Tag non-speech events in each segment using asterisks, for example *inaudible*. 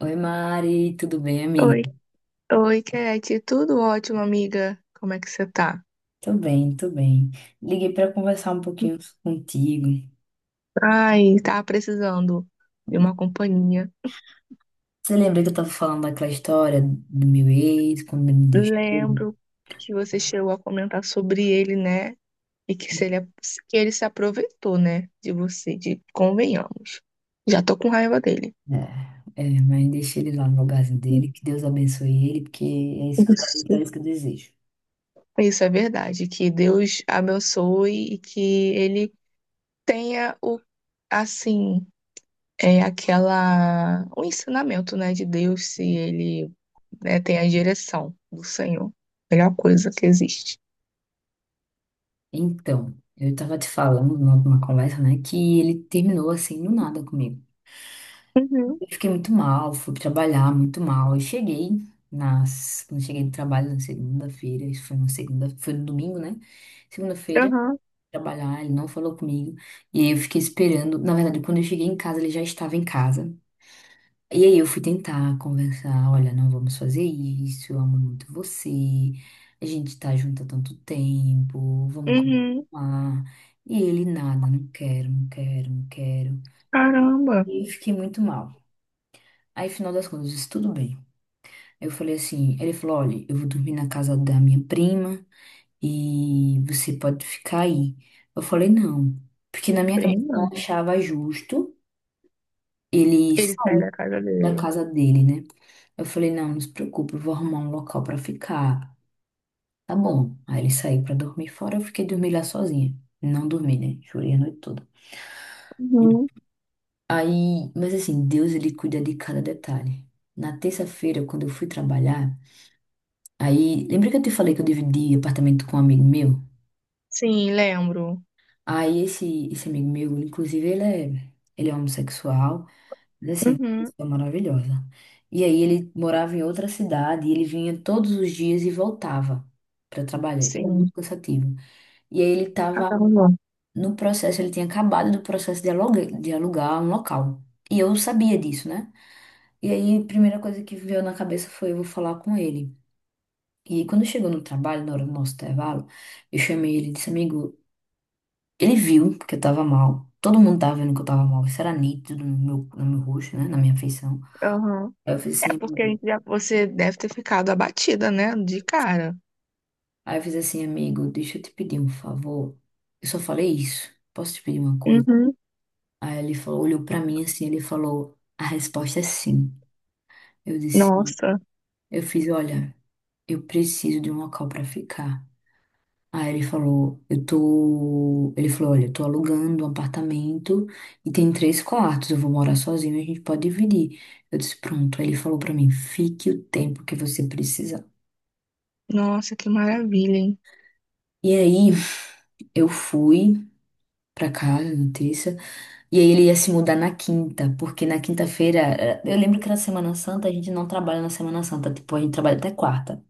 Oi, Mari, tudo bem, Oi, amiga? oi, Kate. Tudo ótimo, amiga? Como é que você tá? Tô bem, tô bem. Liguei pra conversar um pouquinho contigo. Ai, tava precisando de uma companhia. Você lembra que eu tava falando daquela história do meu ex, quando ele me deixou? Lembro que você chegou a comentar sobre ele, né? E que se ele, que ele se aproveitou, né? De você, de convenhamos. Já tô com raiva dele. É, é, mas deixei ele lá no lugarzinho dele, que Deus abençoe ele, porque é isso que Isso. é isso que eu desejo. Isso é verdade. Que Deus abençoe e que ele tenha o, assim. É aquela o ensinamento, né, de Deus, se ele, né, tem a direção do Senhor. Melhor coisa que existe. Então, eu tava te falando numa conversa, né, que ele terminou assim do nada comigo. Uhum. Eu fiquei muito mal, fui trabalhar muito mal. Eu cheguei quando cheguei do trabalho na segunda-feira, isso foi na segunda, foi no domingo, né? Segunda-feira, Aham. trabalhar, ele não falou comigo. E aí eu fiquei esperando. Na verdade, quando eu cheguei em casa, ele já estava em casa. E aí eu fui tentar conversar, olha, não vamos fazer isso, eu amo muito você, a gente tá junto há tanto tempo, vamos Uhum. continuar. E ele, nada, não quero, não quero, não quero. Caramba. E eu fiquei muito mal. Aí, final das contas, eu disse, tudo bem. Eu falei assim, ele falou, olha, eu vou dormir na casa da minha prima e você pode ficar aí. Eu falei, não, porque na minha cabeça Prima. eu não achava justo ele Ele sai sair da casa da dele. casa dele, né? Eu falei, não, não se preocupe, eu vou arrumar um local pra ficar. Tá bom. Aí ele saiu pra dormir fora, eu fiquei dormir lá sozinha. Não dormi, né? Chorei a noite toda. Uhum. Aí, mas assim, Deus ele cuida de cada detalhe. Na terça-feira, quando eu fui trabalhar, aí, lembra que eu te falei que eu dividi apartamento com um amigo meu? Sim, lembro. Aí esse amigo meu, inclusive, ele é homossexual, mas assim, uma Uhum. pessoa maravilhosa. E aí ele morava em outra cidade, e ele vinha todos os dias e voltava para trabalhar. E era Sim, muito cansativo. E aí ele estava caramba. no processo, ele tinha acabado do processo de alugar um local. E eu sabia disso, né? E aí a primeira coisa que veio na cabeça foi eu vou falar com ele. E aí, quando chegou no trabalho, na hora do nosso intervalo, eu chamei ele e disse, amigo, ele viu que eu tava mal. Todo mundo tava vendo que eu tava mal. Isso era nítido no meu rosto, né? Na minha feição. Aham. Aí eu fiz É assim, porque a amigo. gente já, você deve ter ficado abatida, né, de cara. Aí eu fiz assim, amigo, deixa eu te pedir um favor. Eu só falei isso. Posso te pedir uma coisa? Uhum. Aí ele falou, olhou pra mim assim, ele falou, a resposta é sim. Eu disse, Nossa. eu fiz, olha, eu preciso de um local pra ficar. Aí ele falou, eu tô. Ele falou, olha, eu tô alugando um apartamento e tem três quartos, eu vou morar sozinho, a gente pode dividir. Eu disse, pronto. Aí ele falou pra mim, fique o tempo que você precisar. Nossa, que maravilha, hein? E aí *laughs* eu fui pra casa na terça, e aí ele ia se mudar na quinta, porque na quinta-feira, eu lembro que na Semana Santa a gente não trabalha na Semana Santa, tipo, a gente trabalha até quarta.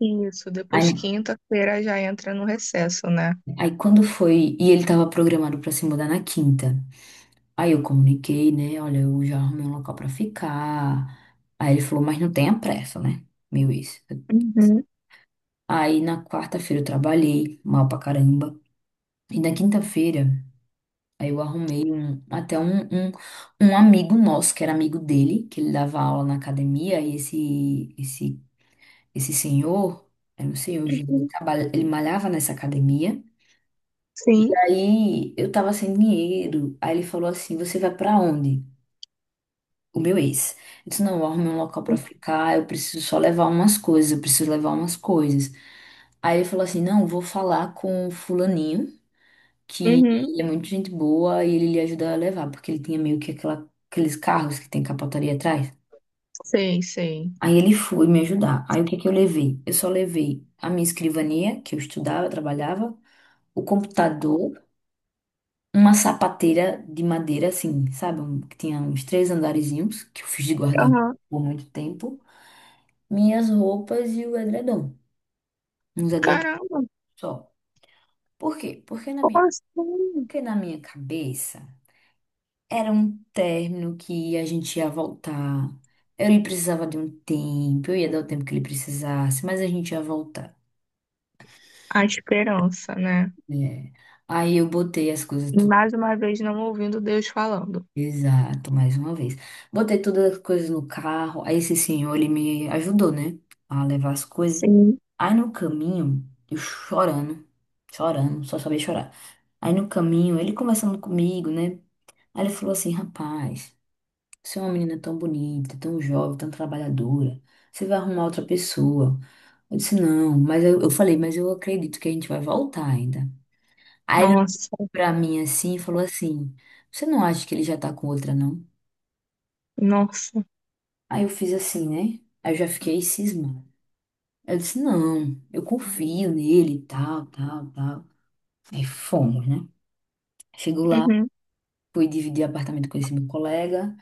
Isso, Aí, depois quinta-feira já entra no recesso, né? aí quando foi, e ele tava programado pra se mudar na quinta. Aí eu comuniquei, né? Olha, eu já arrumei um local pra ficar. Aí ele falou, mas não tenha pressa, né? Meu ex. Uhum. Aí na quarta-feira eu trabalhei mal pra caramba. E na quinta-feira, aí eu arrumei um, até um amigo nosso, que era amigo dele, que ele dava aula na academia. E esse senhor, era não sei hoje ele, Uhum. Ele malhava nessa academia. Sim. Aí eu tava sem dinheiro. Aí ele falou assim: você vai pra onde? O meu ex. Eu disse, não, eu arrumei um local pra ficar, eu preciso só levar umas coisas, eu preciso levar umas coisas. Aí ele falou assim, não, vou falar com o fulaninho, que Uhum. ele é muito gente boa e ele lhe ajuda a levar, porque ele tinha meio que aquela, aqueles carros que tem capotaria atrás. Sei, sei. Aí ele foi me ajudar. Aí o que que eu levei? Eu só levei a minha escrivania, que eu estudava, trabalhava, o computador, uma sapateira de madeira, assim, sabe? Um que tinha uns três andarezinhos, que eu fiz de guardar Aham. por muito tempo. Minhas roupas e o edredom. Uns edredom Caramba, só. Por quê? Como assim? Porque na minha cabeça era um término que a gente ia voltar. Ele precisava de um tempo, eu ia dar o tempo que ele precisasse, mas a gente ia voltar, A esperança, né? né? Aí eu botei as coisas tudo. Mais uma vez não ouvindo Deus falando. Exato, mais uma vez. Botei todas as coisas no carro. Aí esse senhor, ele me ajudou, né? A levar as coisas. Sim. Aí no caminho, eu chorando, chorando, só sabia chorar. Aí no caminho, ele conversando comigo, né? Aí ele falou assim: rapaz, você é uma menina tão bonita, tão jovem, tão trabalhadora. Você vai arrumar outra pessoa. Eu disse: não, eu falei, mas eu acredito que a gente vai voltar ainda. Aí ele olhou Nossa. pra mim assim e falou assim: você não acha que ele já tá com outra, não? Nossa. Aí eu fiz assim, né? Aí eu já fiquei cismando. Eu disse, não, eu confio nele, tal, tal, tal. Aí fomos, né? Chegou lá, Uhum. fui dividir apartamento com esse meu colega.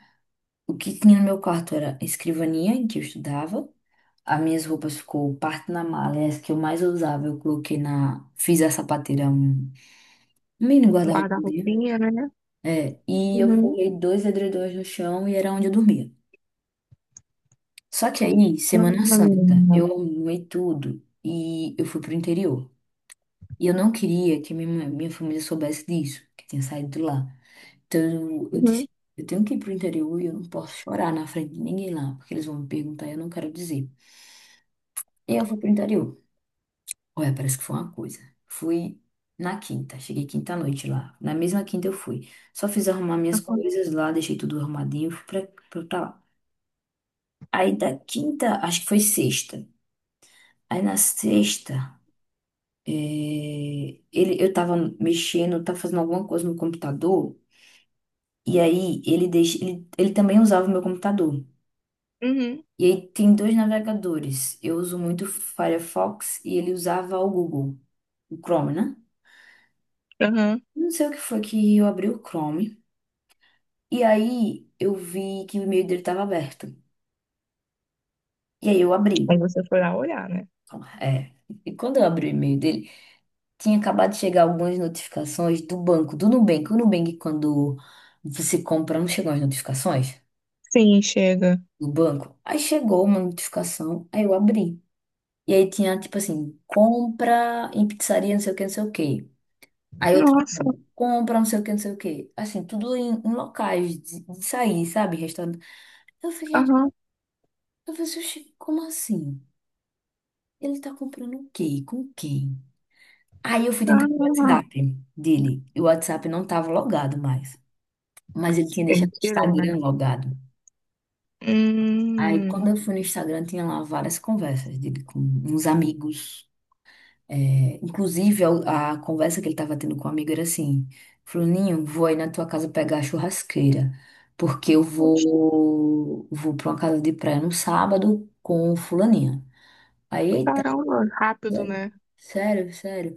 O que tinha no meu quarto era a escrivaninha em que eu estudava. As minhas roupas ficou parte na mala, e as que eu mais usava eu coloquei na... Fiz a sapateira, um um mini guarda-roupa dele. Guarda-roupinha, né? É, e eu Uhum. forrei dois edredons no chão e era onde eu dormia. Só que aí, Semana Caramba, Santa, menina. eu arrumei tudo e eu fui pro interior. E eu não queria que minha família soubesse disso, que eu tinha saído de lá. Então eu Uhum. disse, eu tenho que ir pro interior e eu não posso chorar na frente de ninguém lá, porque eles vão me perguntar e eu não quero dizer. E eu fui pro interior. Olha, parece que foi uma coisa. Fui na quinta, cheguei quinta à noite lá. Na mesma quinta eu fui. Só fiz arrumar minhas Aham. coisas lá, deixei tudo arrumadinho, fui pra lá. Aí da quinta, acho que foi sexta. Aí na sexta, ele, eu tava mexendo, tava fazendo alguma coisa no computador. E aí ele deixa, ele também usava o meu computador. Uhum. E aí tem dois navegadores. Eu uso muito o Firefox e ele usava o Google, o Chrome, né? Aham. Não sei o que foi que eu abri o Chrome. E aí eu vi que o e-mail dele estava aberto. E aí eu abri. Aí você foi lá olhar, né? É. E quando eu abri o e-mail dele, tinha acabado de chegar algumas notificações do banco, do Nubank. O Nubank, quando você compra, não chegam as notificações Sim, chega. do banco. Aí chegou uma notificação, aí eu abri. E aí tinha, tipo assim, compra em pizzaria, não sei o que, não sei o que. Aí outra, Nossa. compra, não sei o que, não sei o que. Assim, tudo em locais de sair, sabe? Restaurante. Eu fiquei, Aham. eu falei, assim, "Oxi, como assim? Ele tá comprando o quê? Com quem?" Aí eu fui tentar o Caramba. WhatsApp dele. E o WhatsApp não tava logado mais. Mas ele tinha Ele deixado o tirou, Instagram né? logado. Aí quando Hum. eu fui no Instagram, tinha lá várias conversas dele com uns amigos. É, inclusive, a conversa que ele estava tendo com o amigo era assim: Fulaninho, vou aí na tua casa pegar a churrasqueira, porque eu Oxe. vou para uma casa de praia no sábado com o Fulaninho. Aí, eita, Caramba, rápido, sério, né? sério, sério.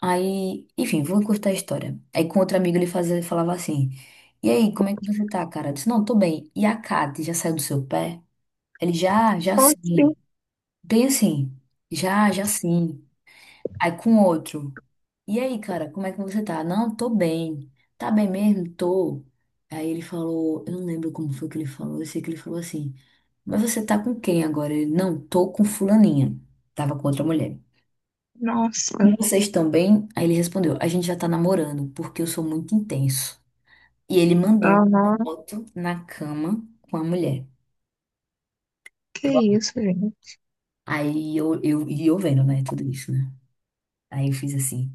Aí, enfim, vou encurtar a história. Aí, com outro amigo, ele fazia, falava assim: e aí, como é que você tá, cara? Eu disse: não, tô bem. E a Kate já saiu do seu pé? Ele já, já Oxi. sim. Bem assim, já, já sim. Aí com outro. E aí, cara, como é que você tá? Não, tô bem. Tá bem mesmo? Tô. Aí ele falou, eu não lembro como foi que ele falou, eu sei que ele falou assim, mas você tá com quem agora? Ele, não, tô com fulaninha. Tava com outra mulher. E Nossa, vocês também? Aí ele respondeu, a gente já tá namorando, porque eu sou muito intenso. E ele mandou não, não, uma foto na cama com a mulher. que isso, gente. E eu vendo, né, tudo isso, né? Aí eu fiz assim.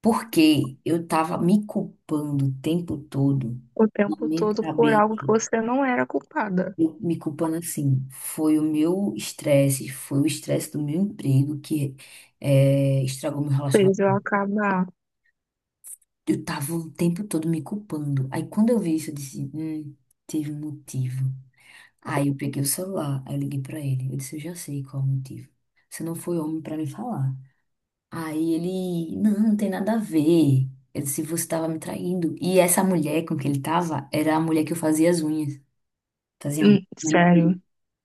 Porque eu tava me culpando o tempo todo, O na tempo minha todo por cabeça, algo que você não era culpada. eu me culpando assim, foi o meu estresse, foi o estresse do meu emprego que estragou meu Fez eu relacionamento. acabar. Eu tava o tempo todo me culpando. Aí quando eu vi isso, eu disse, teve um motivo. Aí eu peguei o celular, aí eu liguei pra ele. Eu disse, eu já sei qual é o motivo. Você não foi homem pra me falar. Aí ele, não, não tem nada a ver. Ele disse, você tava me traindo. E essa mulher com que ele tava era a mulher que eu fazia as unhas. Fazia manicure. Sério.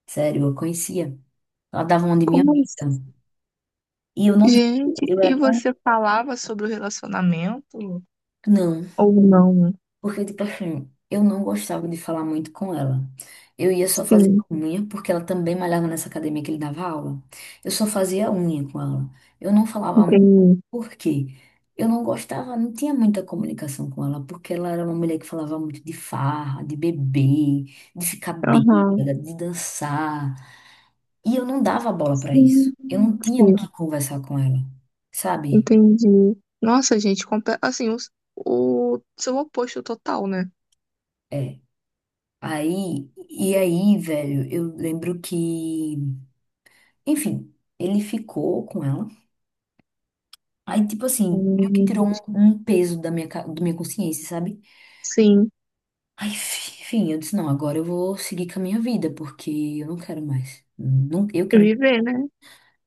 Sério, eu conhecia. Ela dava uma de minha Como assim? amiga. E eu não via. Gente, Eu era e tão... você falava sobre o relacionamento? Não. Ou não? Porque, tipo assim, eu não gostava de falar muito com ela. Eu ia só fazer Sim, unha, porque ela também malhava nessa academia que ele dava aula. Eu só fazia unha com ela. Eu não falava. entendi. Por quê? Eu não gostava, não tinha muita comunicação com ela, porque ela era uma mulher que falava muito de farra, de beber, de ficar Aham. bêbada, de dançar. E eu não dava bola para isso. Sim, Eu não tinha o que conversar com ela, sabe? entendi. Nossa, gente, assim, o, seu oposto total, né? É. Aí, e aí, velho, eu lembro que, enfim, ele ficou com ela. Aí, tipo assim, meio que tirou Hum. um, um peso da minha consciência, sabe? Sim, Aí, enfim, eu disse, não, agora eu vou seguir com a minha vida, porque eu não quero mais. Não, eu que não. viver, né?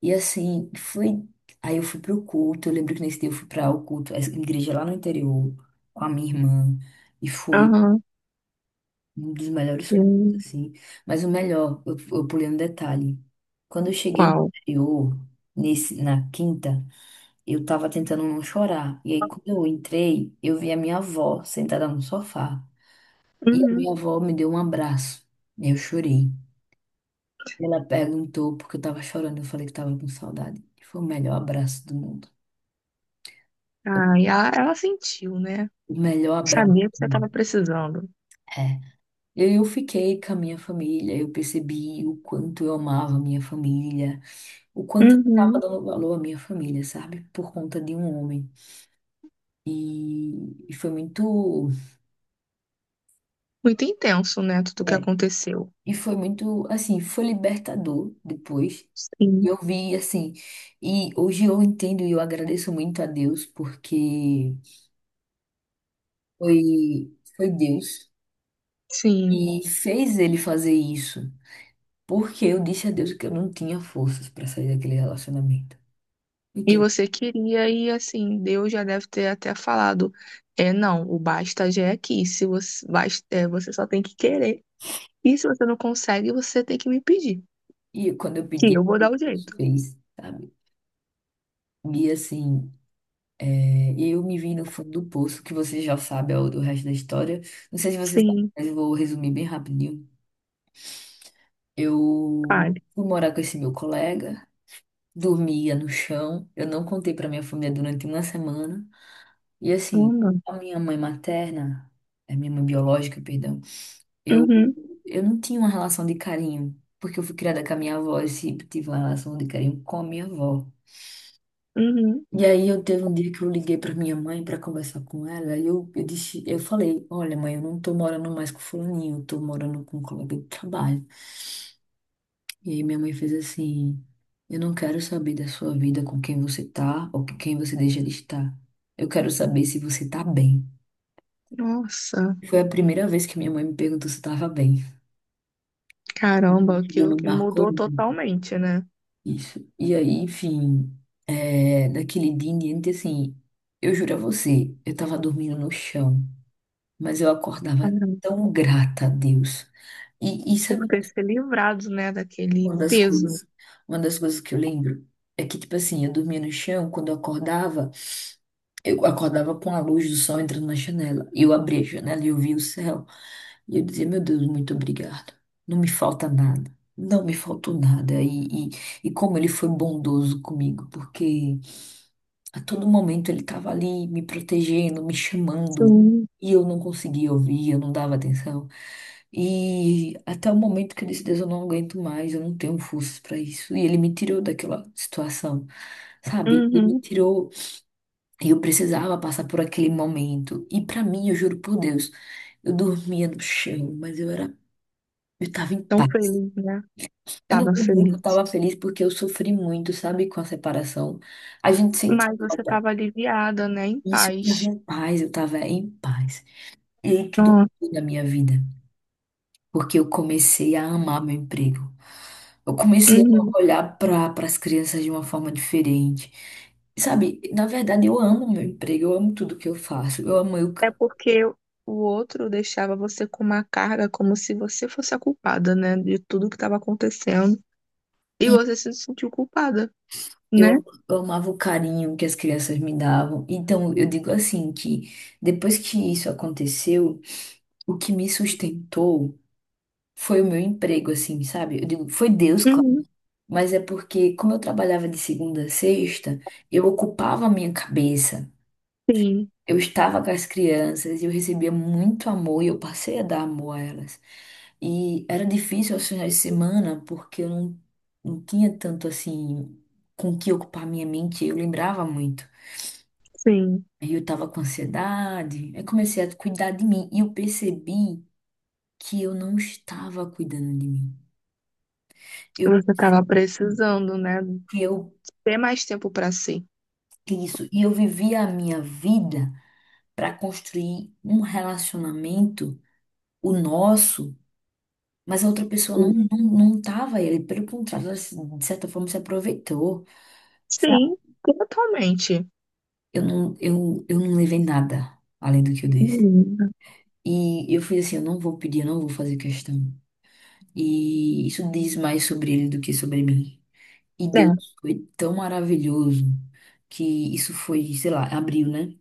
E assim, foi. Aí eu fui pro culto, eu lembro que nesse dia eu fui para o culto, a igreja lá no interior, com a minha irmã, e foi Aham. um dos melhores cultos, Hum. assim. Mas o melhor, eu pulei um detalhe. Quando eu cheguei no Qual? interior, na quinta, eu tava tentando não chorar. E aí, quando eu entrei, eu vi a minha avó sentada no sofá. E a Uhum. minha avó me deu um abraço. Eu chorei. Ela perguntou porque eu tava chorando. Eu falei que tava com saudade. Foi o melhor abraço do mundo. O Ah, e ela sentiu, né? melhor abraço. Sabia que você Do estava mundo. precisando. É. Eu fiquei com a minha família. Eu percebi o quanto eu amava a minha família. O quanto eu tava Uhum. dando valor à minha família, sabe? Por conta de um homem. E, e foi muito. Muito intenso, né? Tudo que é, aconteceu. E foi muito, assim, foi libertador depois. Sim. Eu vi assim, e hoje eu entendo e eu agradeço muito a Deus porque foi Deus Sim. e fez ele fazer isso, porque eu disse a Deus que eu não tinha forças para sair daquele relacionamento, E entende? você queria, e assim, Deus já deve ter até falado: é, não, o basta já é aqui. Se você, basta, é, você só tem que querer. E se você não consegue, você tem que me pedir. E quando eu Que pedi, eu vou dar o Deus jeito. fez, sabe? E assim, é, eu me vi no fundo do poço, que você já sabe é o do resto da história. Não sei se você sabe, Sim, mas eu vou resumir bem rapidinho. Eu fale. fui morar com esse meu colega. Dormia no chão. Eu não contei para minha família durante uma semana. E assim, Caramba. a minha mãe materna, a minha mãe biológica, perdão, eu, Uhum. Não tinha uma relação de carinho, porque eu fui criada com a minha avó e sempre tive uma relação de carinho com a minha avó. Uhum. E aí eu teve um dia que eu liguei para minha mãe para conversar com ela e eu disse, eu falei, olha mãe, eu não tô morando mais com fulaninho, eu tô morando com um colega de trabalho. E aí minha mãe fez assim: eu não quero saber da sua vida com quem você tá ou com quem você deixa de estar. Eu quero saber se você tá bem. Nossa, Foi a primeira vez que minha mãe me perguntou se eu tava bem. caramba, Aquilo aquilo me que marcou mudou muito. totalmente, né? Isso. E aí, enfim, é, daquele dia em diante, assim, eu juro a você, eu tava dormindo no chão, mas eu acordava tão grata a Deus. E Por sabe. ter se livrado, né, daquele Uma das peso. coisas, uma das coisas que eu lembro é que, tipo assim, eu dormia no chão, quando eu acordava com a luz do sol entrando na janela. E eu abria a janela e eu via o céu. E eu dizia, meu Deus, muito obrigado. Não me falta nada. Não me faltou nada. E como ele foi bondoso comigo, porque a todo momento ele estava ali me protegendo, me chamando, Sim. e eu não conseguia ouvir, eu não dava atenção. E até o momento que eu disse, Deus, eu não aguento mais, eu não tenho forças para isso. E ele me tirou daquela situação, sabe? Ele me Uhum. tirou, e eu precisava passar por aquele momento. E para mim, eu juro por Deus, eu dormia no chão, mas eu era, eu estava em Tão paz. feliz, né? Eu não Tava vou dizer que eu feliz. estava feliz porque eu sofri muito, sabe, com a separação. A gente sente Mas você falta. tava aliviada, né, em Isso, eu tava paz. em paz, eu tava em paz. Líquido Ó. da minha vida. Porque eu comecei a amar meu emprego. Eu comecei Uhum. a olhar para as crianças de uma forma diferente. Sabe, na verdade eu amo meu emprego, eu amo tudo que eu faço. Eu amo eu, É porque o outro deixava você com uma carga como se você fosse a culpada, né, de tudo que estava acontecendo. E e você se sentiu culpada, né? eu, eu amava o carinho que as crianças me davam. Então eu digo assim que depois que isso aconteceu, o que me sustentou foi o meu emprego, assim, sabe? Eu digo, foi Deus, claro. Uhum. Mas é porque, como eu trabalhava de segunda a sexta, eu ocupava a minha cabeça. Sim, Eu estava com as crianças, eu recebia muito amor e eu passei a dar amor a elas. E era difícil aos finais de semana porque eu não, não tinha tanto assim com o que ocupar minha mente, eu lembrava muito. sim. Aí eu tava com ansiedade, aí comecei a cuidar de mim e eu percebi que eu não estava cuidando de mim. Eu, Você tava precisando, né, que eu, ter mais tempo para si. E eu vivia a minha vida. Para construir um relacionamento, o nosso, mas a outra pessoa não, não tava ele, pelo contrário, ela, de certa forma se aproveitou, sabe? Sim, totalmente. Eu não levei nada além do que eu disse. Uhum. E eu fui assim, eu não vou pedir, eu não vou fazer questão. E isso diz mais sobre ele do que sobre mim. E É. Deus foi tão maravilhoso que isso foi, sei lá, abriu, né?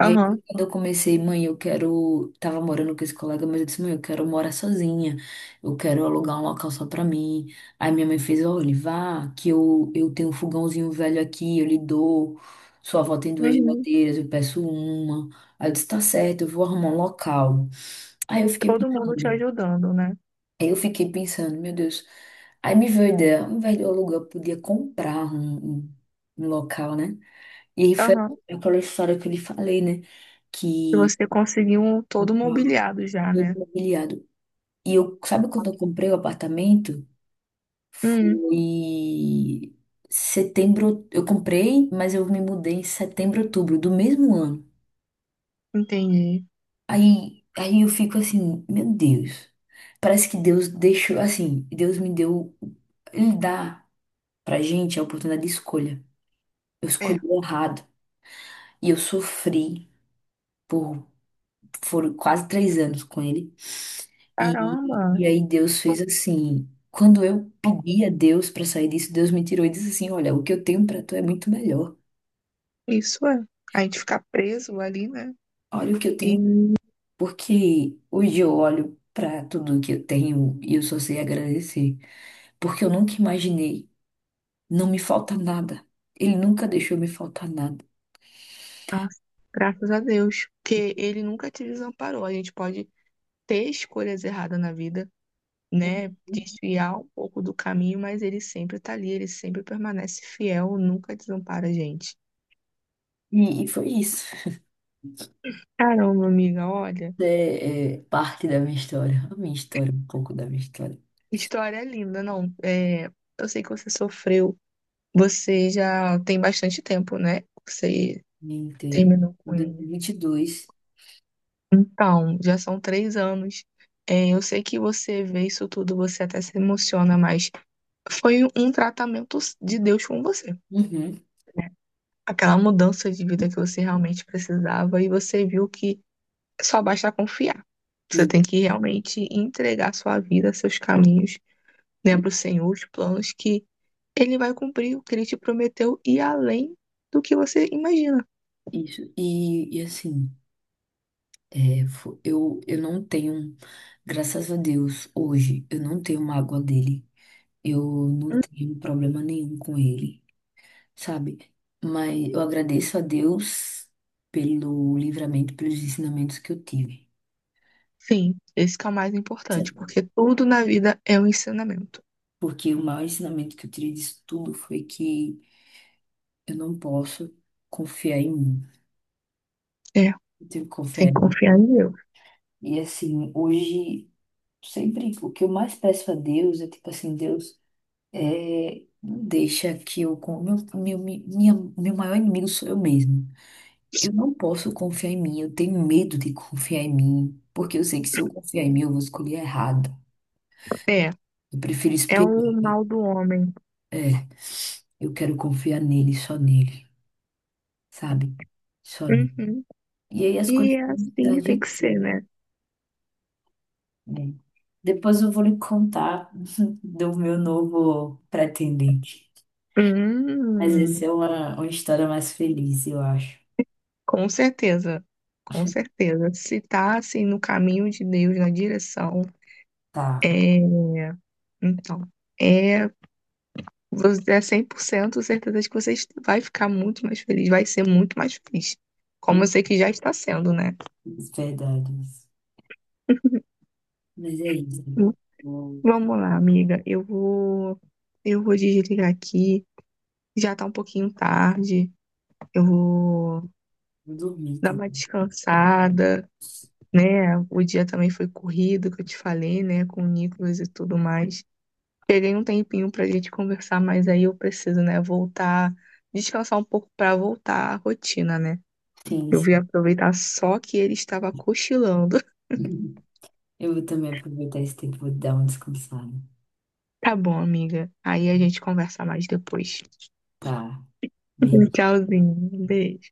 E aí, Aham. quando eu comecei, mãe, eu quero. Tava morando com esse colega, mas eu disse, mãe, eu quero morar sozinha. Eu quero alugar um local só pra mim. Aí minha mãe fez, olha, vá, que eu tenho um fogãozinho velho aqui, eu lhe dou. Sua avó tem duas Uhum. geladeiras, eu peço uma. Aí eu disse, tá certo, eu vou arrumar um local. Aí eu fiquei Todo mundo te pensando, ajudando, né? Meu Deus. Aí me veio a ideia, ao invés de eu alugar, eu podia comprar um local, né? E aí foi Aham. aquela história que eu lhe falei, né? E Que você conseguiu um todo mobiliado já, todo né? mobiliado. E eu, sabe quando eu comprei o apartamento? Hum, Foi setembro, eu comprei, mas eu me mudei em setembro, outubro do mesmo ano. entendi. Aí eu fico assim, meu Deus. Parece que Deus deixou assim, Deus me deu, ele dá pra gente a oportunidade de escolha. Eu É. escolhi errado e eu sofri por foram quase três anos com ele. E, Caramba, e aí Deus fez assim. Quando eu pedi a Deus para sair disso, Deus me tirou e disse assim: olha, o que eu tenho para tu é muito melhor. isso é. A gente ficar preso ali, né? Olha o que eu E, tenho. Porque hoje eu olho para tudo que eu tenho e eu só sei agradecer. Porque eu nunca imaginei. Não me falta nada. Ele nunca deixou me faltar nada. nossa, graças a Deus. Porque ele nunca te desamparou. A gente pode ter escolhas erradas na vida, né? Desviar um pouco do caminho, mas ele sempre tá ali, ele sempre permanece fiel, nunca desampara a gente. E foi isso. Caramba, amiga, olha. É, é parte da minha história. A minha história, um pouco da minha história. História é linda, não. É, eu sei que você sofreu, você já tem bastante tempo, né? Você Me entrei terminou em com ele. 2022. Então, já são 3 anos. É, eu sei que você vê isso tudo, você até se emociona, mas foi um tratamento de Deus com você. Uhum. Aquela mudança de vida que você realmente precisava e você viu que só basta confiar. Você E, tem que realmente entregar sua vida, seus caminhos, né, e para o Senhor, os planos que ele vai cumprir o que ele te prometeu e além do que você imagina. isso. E assim, é, eu não tenho, graças a Deus, hoje, eu não tenho mágoa dele. Eu não tenho problema nenhum com ele, sabe? Mas eu agradeço a Deus pelo livramento, pelos ensinamentos que eu tive. Enfim, esse que é o mais importante, Sério. porque tudo na vida é um ensinamento. Porque o maior ensinamento que eu tirei disso tudo foi que eu não posso confiar em mim. É, Eu tenho que confiar tem em que mim. confiar em Deus. E assim, hoje, sempre o que eu mais peço a Deus é tipo assim, Deus. É, deixa que eu. Meu maior inimigo sou eu mesma. Eu não posso confiar em mim, eu tenho medo de confiar em mim, porque eu sei que se eu confiar em mim, eu vou escolher errado. É, Eu prefiro é o esperar. mal do homem. É, eu quero confiar nele, só nele, sabe? Só nele. Uhum. E aí as E coisas é se assim que tem que ser, ajeitam, né? né? Depois eu vou lhe contar *laughs* do meu novo pretendente. Mas essa Hum, é uma história mais feliz, eu acho. com certeza, com certeza. Se tá assim no caminho de Deus, na direção, Tá. é. Então, é, você é 100% certeza de que você vai ficar muito mais feliz, vai ser muito mais feliz. Como eu sei que já está sendo, né? Verdade. Mas é isso. Vou, Vamos lá, amiga. Eu vou desligar aqui. Já tá um pouquinho tarde. Eu vou vou dormir dar uma também. descansada, né? O dia também foi corrido, que eu te falei, né? Com o Nicolas e tudo mais. Peguei um tempinho pra gente conversar, mas aí eu preciso, né? Voltar, descansar um pouco pra voltar à rotina, né? Sim, Eu sim. vim aproveitar só que ele estava cochilando. *laughs* *laughs* Eu vou também aproveitar esse tempo, vou dar uma descansada. Tá bom, amiga. Aí a gente conversa mais depois. Tá. *laughs* Beijo. Tchauzinho. Beijo.